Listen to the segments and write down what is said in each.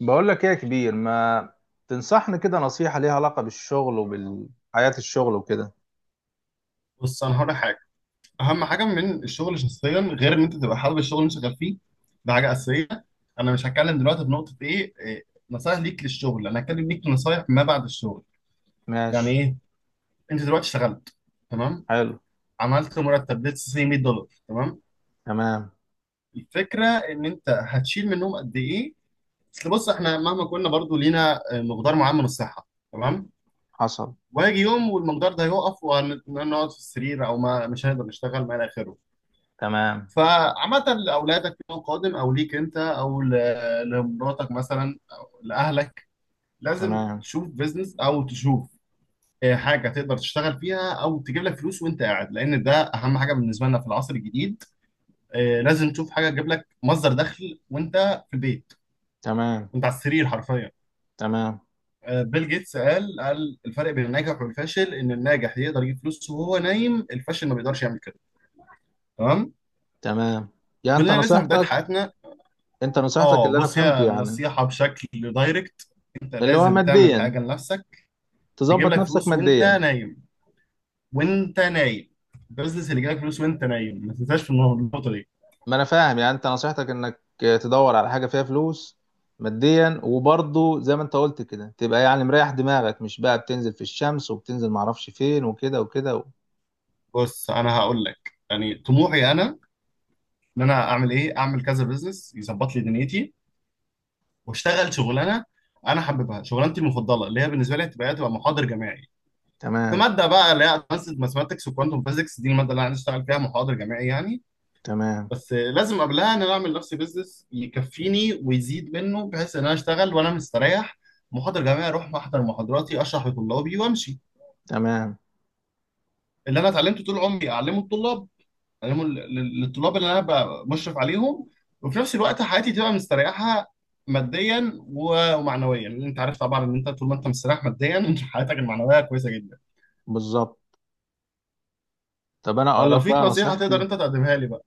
بقول لك ايه يا كبير، ما تنصحني كده نصيحة ليها علاقة بالشغل وبالحياة، الشغل وكده؟ بص، انا هقول لك حاجه. اهم حاجه من الشغل شخصيا غير ان انت تبقى حابب الشغل اللي انت شغال فيه. ده حاجه اساسيه. انا مش هتكلم دلوقتي بنقطه ايه إيه، نصايح ليك للشغل. انا هتكلم ليك نصايح ما بعد الشغل. يعني ماشي. ايه؟ انت دلوقتي اشتغلت، تمام، حلو. عملت مرتب ليتس سي $100. تمام. تمام. الفكره ان انت هتشيل منهم قد ايه؟ اصل بص احنا مهما كنا برضو لينا مقدار معين من الصحه. تمام. حصل. وهيجي يوم والمقدار ده هيقف، وهنقعد في السرير او ما مش هنقدر نشتغل ما الى اخره. تمام. فعامة لأولادك يوم قادم، أو ليك أنت، أو لمراتك مثلا، أو لأهلك، لازم تمام. تشوف بيزنس أو تشوف حاجة تقدر تشتغل فيها أو تجيب لك فلوس وأنت قاعد، لأن ده أهم حاجة بالنسبة لنا في العصر الجديد. لازم تشوف حاجة تجيب لك مصدر دخل وأنت في البيت، تمام. وأنت على السرير حرفيا. تمام. بيل جيتس قال الفرق بين الناجح والفاشل إن الناجح يقدر يجيب فلوس وهو نايم، الفاشل ما بيقدرش يعمل كده. تمام. تمام. يعني انت كلنا لسه في بداية نصيحتك حياتنا. انت نصيحتك اه، اللي انا بص فهمته يا يعني، النصيحة بشكل دايركت، انت اللي هو لازم تعمل ماديا، حاجه لنفسك. تجيب تظبط لك نفسك فلوس وانت ماديا. نايم، وانت نايم. البزنس اللي يجيب لك فلوس وانت نايم، ما تنساش في النقطة دي. ما انا فاهم، يعني انت نصيحتك انك تدور على حاجة فيها فلوس، ماديا وبرضه زي ما انت قلت كده تبقى يعني مريح دماغك، مش بقى بتنزل في الشمس وبتنزل معرفش فين وكده وكده بص انا هقول لك يعني طموحي انا، ان انا اعمل اعمل كذا بزنس يظبط لي دنيتي، واشتغل شغلانه انا حاببها. شغلانتي المفضله اللي هي بالنسبه لي هتبقى محاضر جامعي في تمام. ماده بقى اللي هي ادفانسد ماثماتكس وكوانتم فيزكس. دي الماده اللي انا عايز اشتغل فيها محاضر جامعي يعني. تمام. بس لازم قبلها ان انا اعمل لنفسي بيزنس يكفيني ويزيد منه، بحيث ان انا اشتغل وانا مستريح. محاضر جامعي، اروح احضر محاضراتي، اشرح لطلابي وامشي. تمام. اللي انا اتعلمته طول عمري اعلمه الطلاب، اعلمه للطلاب اللي انا ببقى مشرف عليهم. وفي نفس الوقت حياتي تبقى مستريحه ماديا ومعنويا، لان انت عارف طبعا ان انت طول ما انت مستريح ماديا انت حياتك المعنويه كويسه جدا. بالظبط. طب فلو في نصيحه تقدر انت تقدمها لي بقى.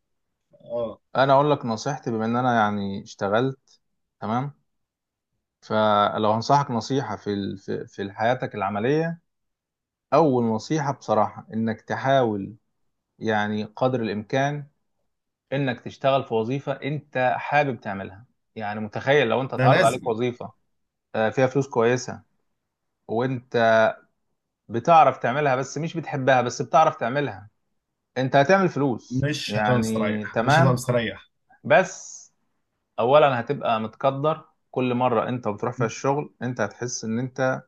اه. انا اقول لك نصيحتي، بما ان انا يعني اشتغلت. تمام. فلو هنصحك نصيحة في ال- في في حياتك العملية، اول نصيحة بصراحة انك تحاول يعني قدر الامكان انك تشتغل في وظيفة انت حابب تعملها. يعني متخيل لو انت ده اتعرض عليك لازم. وظيفة فيها فلوس كويسة، وانت بتعرف تعملها، بس مش بتحبها، بس بتعرف تعملها، انت هتعمل فلوس مش هتبقى يعني مستريح، مش هتبقى تمام. مستريح. بس اولا هتبقى متقدر، كل مره انت بتروح فيها الشغل انت هتحس ان انت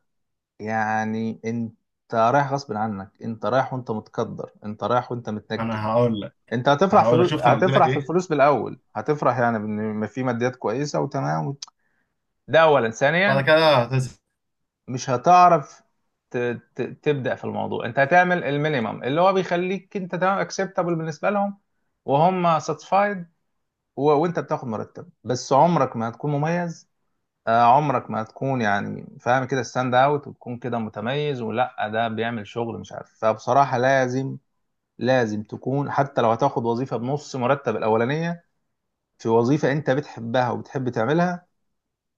يعني انت رايح غصب عنك، انت رايح وانت متقدر، انت رايح وانت ما متنكد. انا هقول انت هقول لك، شفت انا قلت لك هتفرح في ايه؟ الفلوس بالاول، هتفرح يعني بان في ماديات كويسه وتمام. ده اولا. بعد ثانيا كده هتزهق. مش هتعرف ت... تبدا في الموضوع، انت هتعمل المينيمم اللي هو بيخليك انت تمام، اكسبتابل بالنسبه لهم وهم ساتسفايد، وانت بتاخد مرتب، بس عمرك ما هتكون مميز. عمرك ما هتكون يعني فاهم كده ستاند اوت وتكون كده متميز، ولا ده بيعمل شغل مش عارف. فبصراحة لازم تكون حتى لو هتاخد وظيفة بنص مرتب الأولانية في وظيفة أنت بتحبها وبتحب تعملها.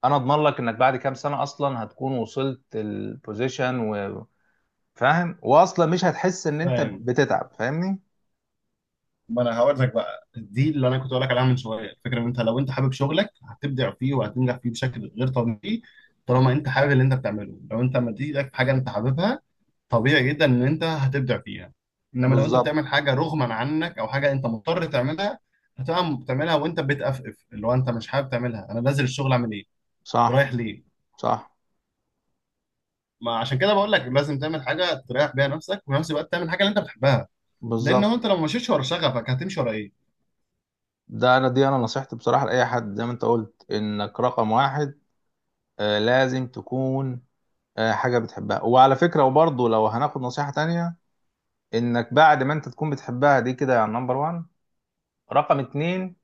أنا أضمن لك إنك بعد كام سنة أصلا هتكون وصلت البوزيشن وفاهم، وأصلا مش هتحس إن أنت فاهم. بتتعب، فاهمني؟ ما انا هقول لك بقى دي اللي انا كنت هقول لك عليها من شويه. الفكره ان انت لو انت حابب شغلك هتبدع فيه وهتنجح فيه بشكل غير طبيعي. طالما انت حابب اللي انت بتعمله، لو انت مدي ايدك في حاجه انت حاببها، طبيعي جدا ان انت هتبدع فيها. انما لو انت بالظبط. بتعمل حاجه رغما عنك او حاجه انت مضطر تعملها، هتبقى بتعملها وانت بتقفقف، اللي هو انت مش حابب تعملها. انا نازل الشغل اعمل ايه؟ صح. رايح ليه؟ صح. ما عشان كده بقول لك لازم تعمل حاجه تريح بيها نفسك، وفي نفس الوقت تعمل حاجه اللي انت بتحبها، لان هو بالظبط. انت لو مشيتش ورا شغفك هتمشي ورا ايه؟ ده أنا دي أنا نصيحتي بصراحة لأي حد، زي ما أنت قلت إنك رقم واحد. لازم تكون حاجة بتحبها. وعلى فكرة، وبرضه لو هناخد نصيحة تانية، انك بعد ما انت تكون بتحبها دي كده يعني نمبر وان، رقم اتنين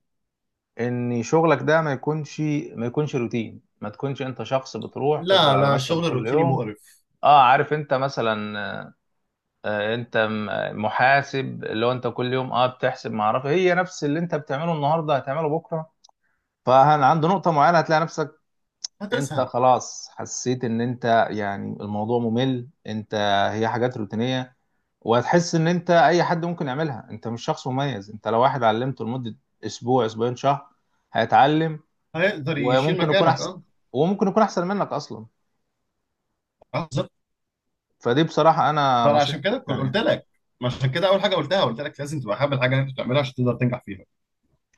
ان شغلك ده ما يكونش روتين، ما تكونش انت شخص بتروح تفضل لا على لا، مكتب شغل كل روتيني يوم. مقرف. اه، عارف انت مثلا انت محاسب، اللي هو انت كل يوم بتحسب ما اعرف، هي نفس اللي انت بتعمله النهارده هتعمله بكره. فعند نقطه معينه هتلاقي نفسك انت هتسهل. خلاص حسيت ان انت، يعني الموضوع ممل، انت هي حاجات روتينية. وهتحس ان انت اي حد ممكن يعملها، انت مش شخص مميز، انت لو واحد علمته لمدة اسبوع، اسبوعين، شهر، هيتعلم، هيقدر يشيل وممكن يكون مكانك، احسن اه. وممكن يكون احسن منك اصلا. آه، بالظبط. فدي بصراحة انا فانا عشان نصيحتي كده يعني. قلت لك، عشان كده اول حاجه قلتها قلت لك لازم تبقى حابب الحاجه اللي انت بتعملها عشان تقدر تنجح فيها.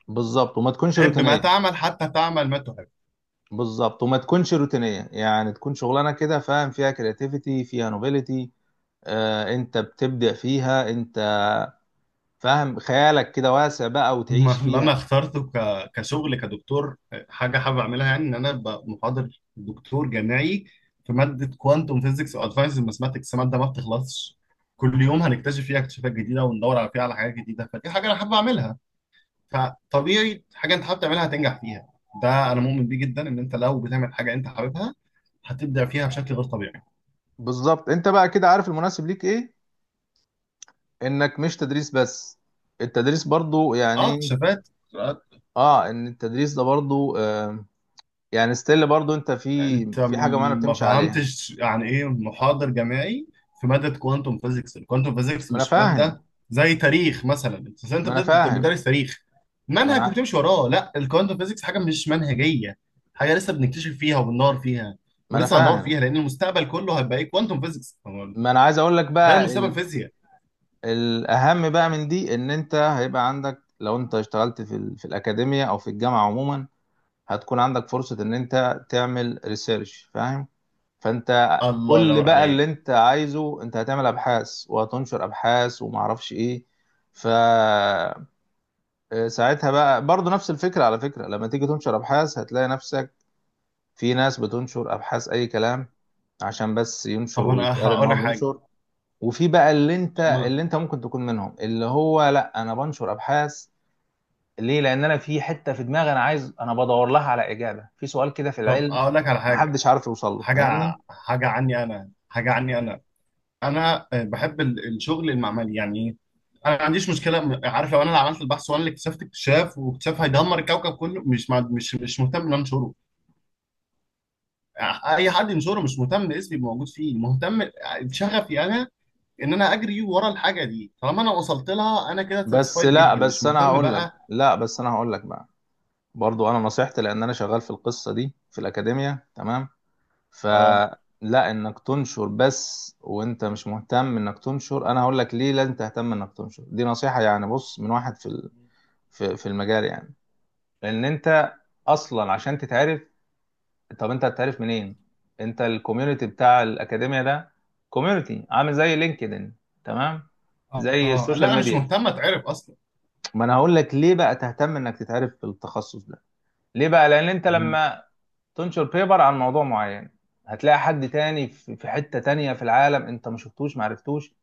بالظبط وما تكونش حب ما روتينية تعمل حتى تعمل ما تحب. بالظبط وما تكونش روتينية، يعني تكون شغلانة كده فاهم، فيها كرياتيفيتي، فيها نوبيليتي. انت بتبدع فيها، انت فاهم خيالك كده واسع بقى وتعيش ما اللي انا فيها. اخترته كشغل كدكتور، حاجه حابب اعملها، يعني ان انا ابقى محاضر دكتور جامعي في ماده كوانتم فيزيكس وادفانس ماثماتكس، ماده ما بتخلصش، كل يوم هنكتشف فيها اكتشافات جديده وندور على حاجات جديده. فدي حاجه انا حابب اعملها. فطبيعي حاجه انت حابب تعملها هتنجح فيها. ده انا مؤمن بيه جدا، ان انت لو بتعمل حاجه انت حاببها هتبدع فيها بشكل غير طبيعي. بالظبط. انت بقى كده عارف المناسب ليك ايه، انك مش تدريس بس، التدريس برضو اه، يعني. اكتشافات اختراعات. اه، ان التدريس ده برضو يعني ستيل برضو انت في انت في حاجه معينه ما بتمشي عليها. فهمتش يعني ايه محاضر جامعي في ماده كوانتم فيزيكس. الكوانتم فيزيكس ما انا مش ماده فاهم. زي تاريخ مثلا، ما انا أنت فاهم. بتدرس تاريخ ما انا منهج ع- وبتمشي وراه. لا، الكوانتم فيزيكس حاجه مش منهجيه، حاجه لسه بنكتشف فيها وبندور فيها، ما انا ولسه هندور فاهم. فيها، لان المستقبل كله هيبقى ايه؟ كوانتم فيزيكس. ما انا عايز اقول لك ده بقى المستقبل، الفيزياء. الاهم بقى من دي، ان انت هيبقى عندك لو انت اشتغلت في الاكاديميه او في الجامعه عموما، هتكون عندك فرصه ان انت تعمل ريسيرش، فاهم؟ فانت الله كل ينور بقى اللي عليك. انت عايزه، انت هتعمل ابحاث وهتنشر ابحاث وما اعرفش ايه. ف ساعتها بقى برضو نفس الفكرة، على فكرة لما تيجي تنشر ابحاث هتلاقي نفسك في ناس بتنشر ابحاث اي كلام، عشان بس ينشر طب انا ويتقال ان هقول هو لك حاجه. بينشر. وفي بقى اللي انت ما- اللي انت ممكن تكون منهم، اللي هو لا، انا بنشر ابحاث ليه، لان انا في حتة في دماغي، انا بدور لها على اجابة في سؤال كده في طب العلم اقول لك على حاجه، محدش عارف يوصل له، فاهمني؟ حاجه عني انا. انا بحب الشغل المعملي. يعني ايه؟ انا ما عنديش مشكله، عارف، لو انا اللي عملت البحث وانا اللي اكتشفت اكتشاف، واكتشاف هيدمر الكوكب كله، مش مع- مش مش مهتم ان أنا انشره. اي حد ينشره مش مهتم، اسمي يبقى موجود فيه مهتم. شغفي انا ان انا اجري ورا الحاجه دي، طالما انا وصلت لها انا كده بس ساتسفايد لا جدا، مش بس انا مهتم هقول لك بقى. لا بس انا هقول لك بقى، برضو انا نصيحتي لان انا شغال في القصه دي في الاكاديميه تمام. اه فلا، انك تنشر بس وانت مش مهتم انك تنشر، انا هقول لك ليه لازم تهتم انك تنشر، دي نصيحه يعني، بص من واحد في ال- في في المجال يعني. لان انت اصلا عشان تتعرف، طب انت هتتعرف منين؟ انت الكوميونتي بتاع الاكاديميه ده كوميونتي عامل زي لينكدين، تمام، اه، زي لا، السوشيال أنا مش ميديا. مهتم اتعرف اصلا. ما انا هقول لك ليه بقى تهتم انك تتعرف في التخصص ده، ليه بقى، لان انت لما تنشر بيبر عن موضوع معين، هتلاقي حد تاني في حتة تانية في العالم انت ما شفتوش ما عرفتوش،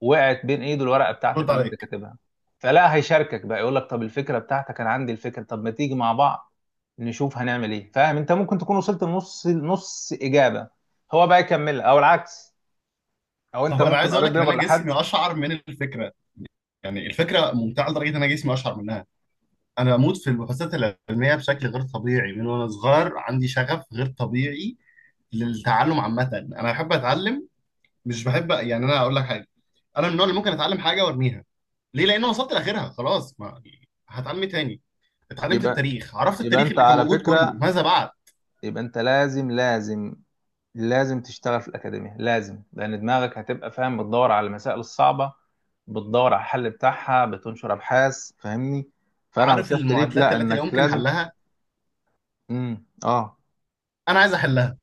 وقعت بين ايده الورقة رد بتاعتك اللي انت عليك. كاتبها، فلا هيشاركك بقى يقول لك طب الفكرة بتاعتك انا عندي الفكرة، طب ما تيجي مع بعض نشوف هنعمل ايه، فاهم؟ انت ممكن تكون وصلت لنص نص اجابة، هو بقى يكمل او العكس، او طب انت انا ممكن عايز اقول قريت لك ان انا بيبر لحد. جسمي اشعر من الفكره، يعني الفكره ممتعه لدرجه ان انا جسمي اشعر منها. انا بموت في البحوثات العلميه بشكل غير طبيعي، من وانا صغير عندي شغف غير طبيعي للتعلم. عامه انا بحب اتعلم. مش بحب، يعني انا اقول لك حاجه، انا من النوع اللي ممكن اتعلم حاجه وارميها. ليه؟ لان أنا وصلت لاخرها خلاص. ما هتعلم إيه تاني؟ اتعلمت يبقى التاريخ، عرفت يبقى التاريخ انت اللي كان على موجود كله، فكرة، ماذا بعد؟ يبقى انت لازم، لازم تشتغل في الأكاديمية لازم، لأن دماغك هتبقى فاهم، بتدور على المسائل الصعبة، بتدور على الحل بتاعها، بتنشر أبحاث، فاهمني؟ فأنا عارف نصيحتي ليك المعادلات لا، التي لا إنك يمكن لازم. حلها؟ اه. انا عايز احلها.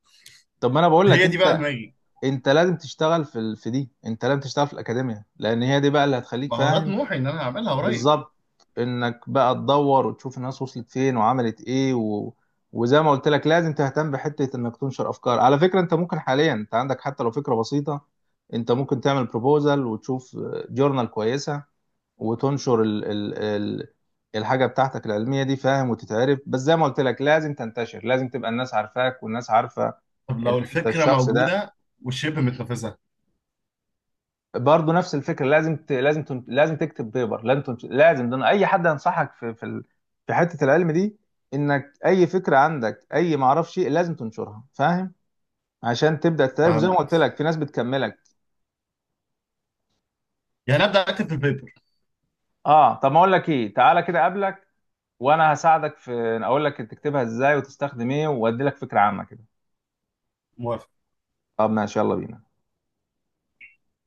طب ما أنا بقول لك هي دي بقى أنت دماغي. أنت لازم تشتغل في ال... في دي أنت لازم تشتغل في الأكاديمية، لأن هي دي بقى اللي هتخليك ما هو ده فاهم. طموحي ان انا هعملها قريب. بالظبط. انك بقى تدور وتشوف الناس وصلت فين وعملت ايه وزي ما قلت لك لازم تهتم بحتة انك تنشر افكار. على فكرة انت ممكن حاليا انت عندك حتى لو فكرة بسيطة، انت ممكن تعمل بروبوزل وتشوف جورنال كويسة وتنشر الحاجة بتاعتك العلمية دي، فاهم، وتتعرف. بس زي ما قلت لك لازم تنتشر، لازم تبقى الناس عارفاك والناس عارفة طب ان لو انت الفكرة الشخص ده. موجودة والشبه متنفذة؟ برضه نفس الفكره، لازم تكتب بيبر، لازم تنش... لازم ده أنا اي حد ينصحك في حته العلم دي، انك اي فكره عندك اي ما اعرفش إيه، لازم تنشرها، فاهم، عشان تبدا تعرف. زي ما فاهم؟ قلت لك في ناس بتكملك. يعني أبدأ أكتب في البيبر. اه، طب ما اقول لك ايه، تعالى كده اقابلك وانا هساعدك في، اقول لك تكتبها ازاي وتستخدم ايه وادي لك فكره عامه كده. موافق. طب ماشي، يلا بينا.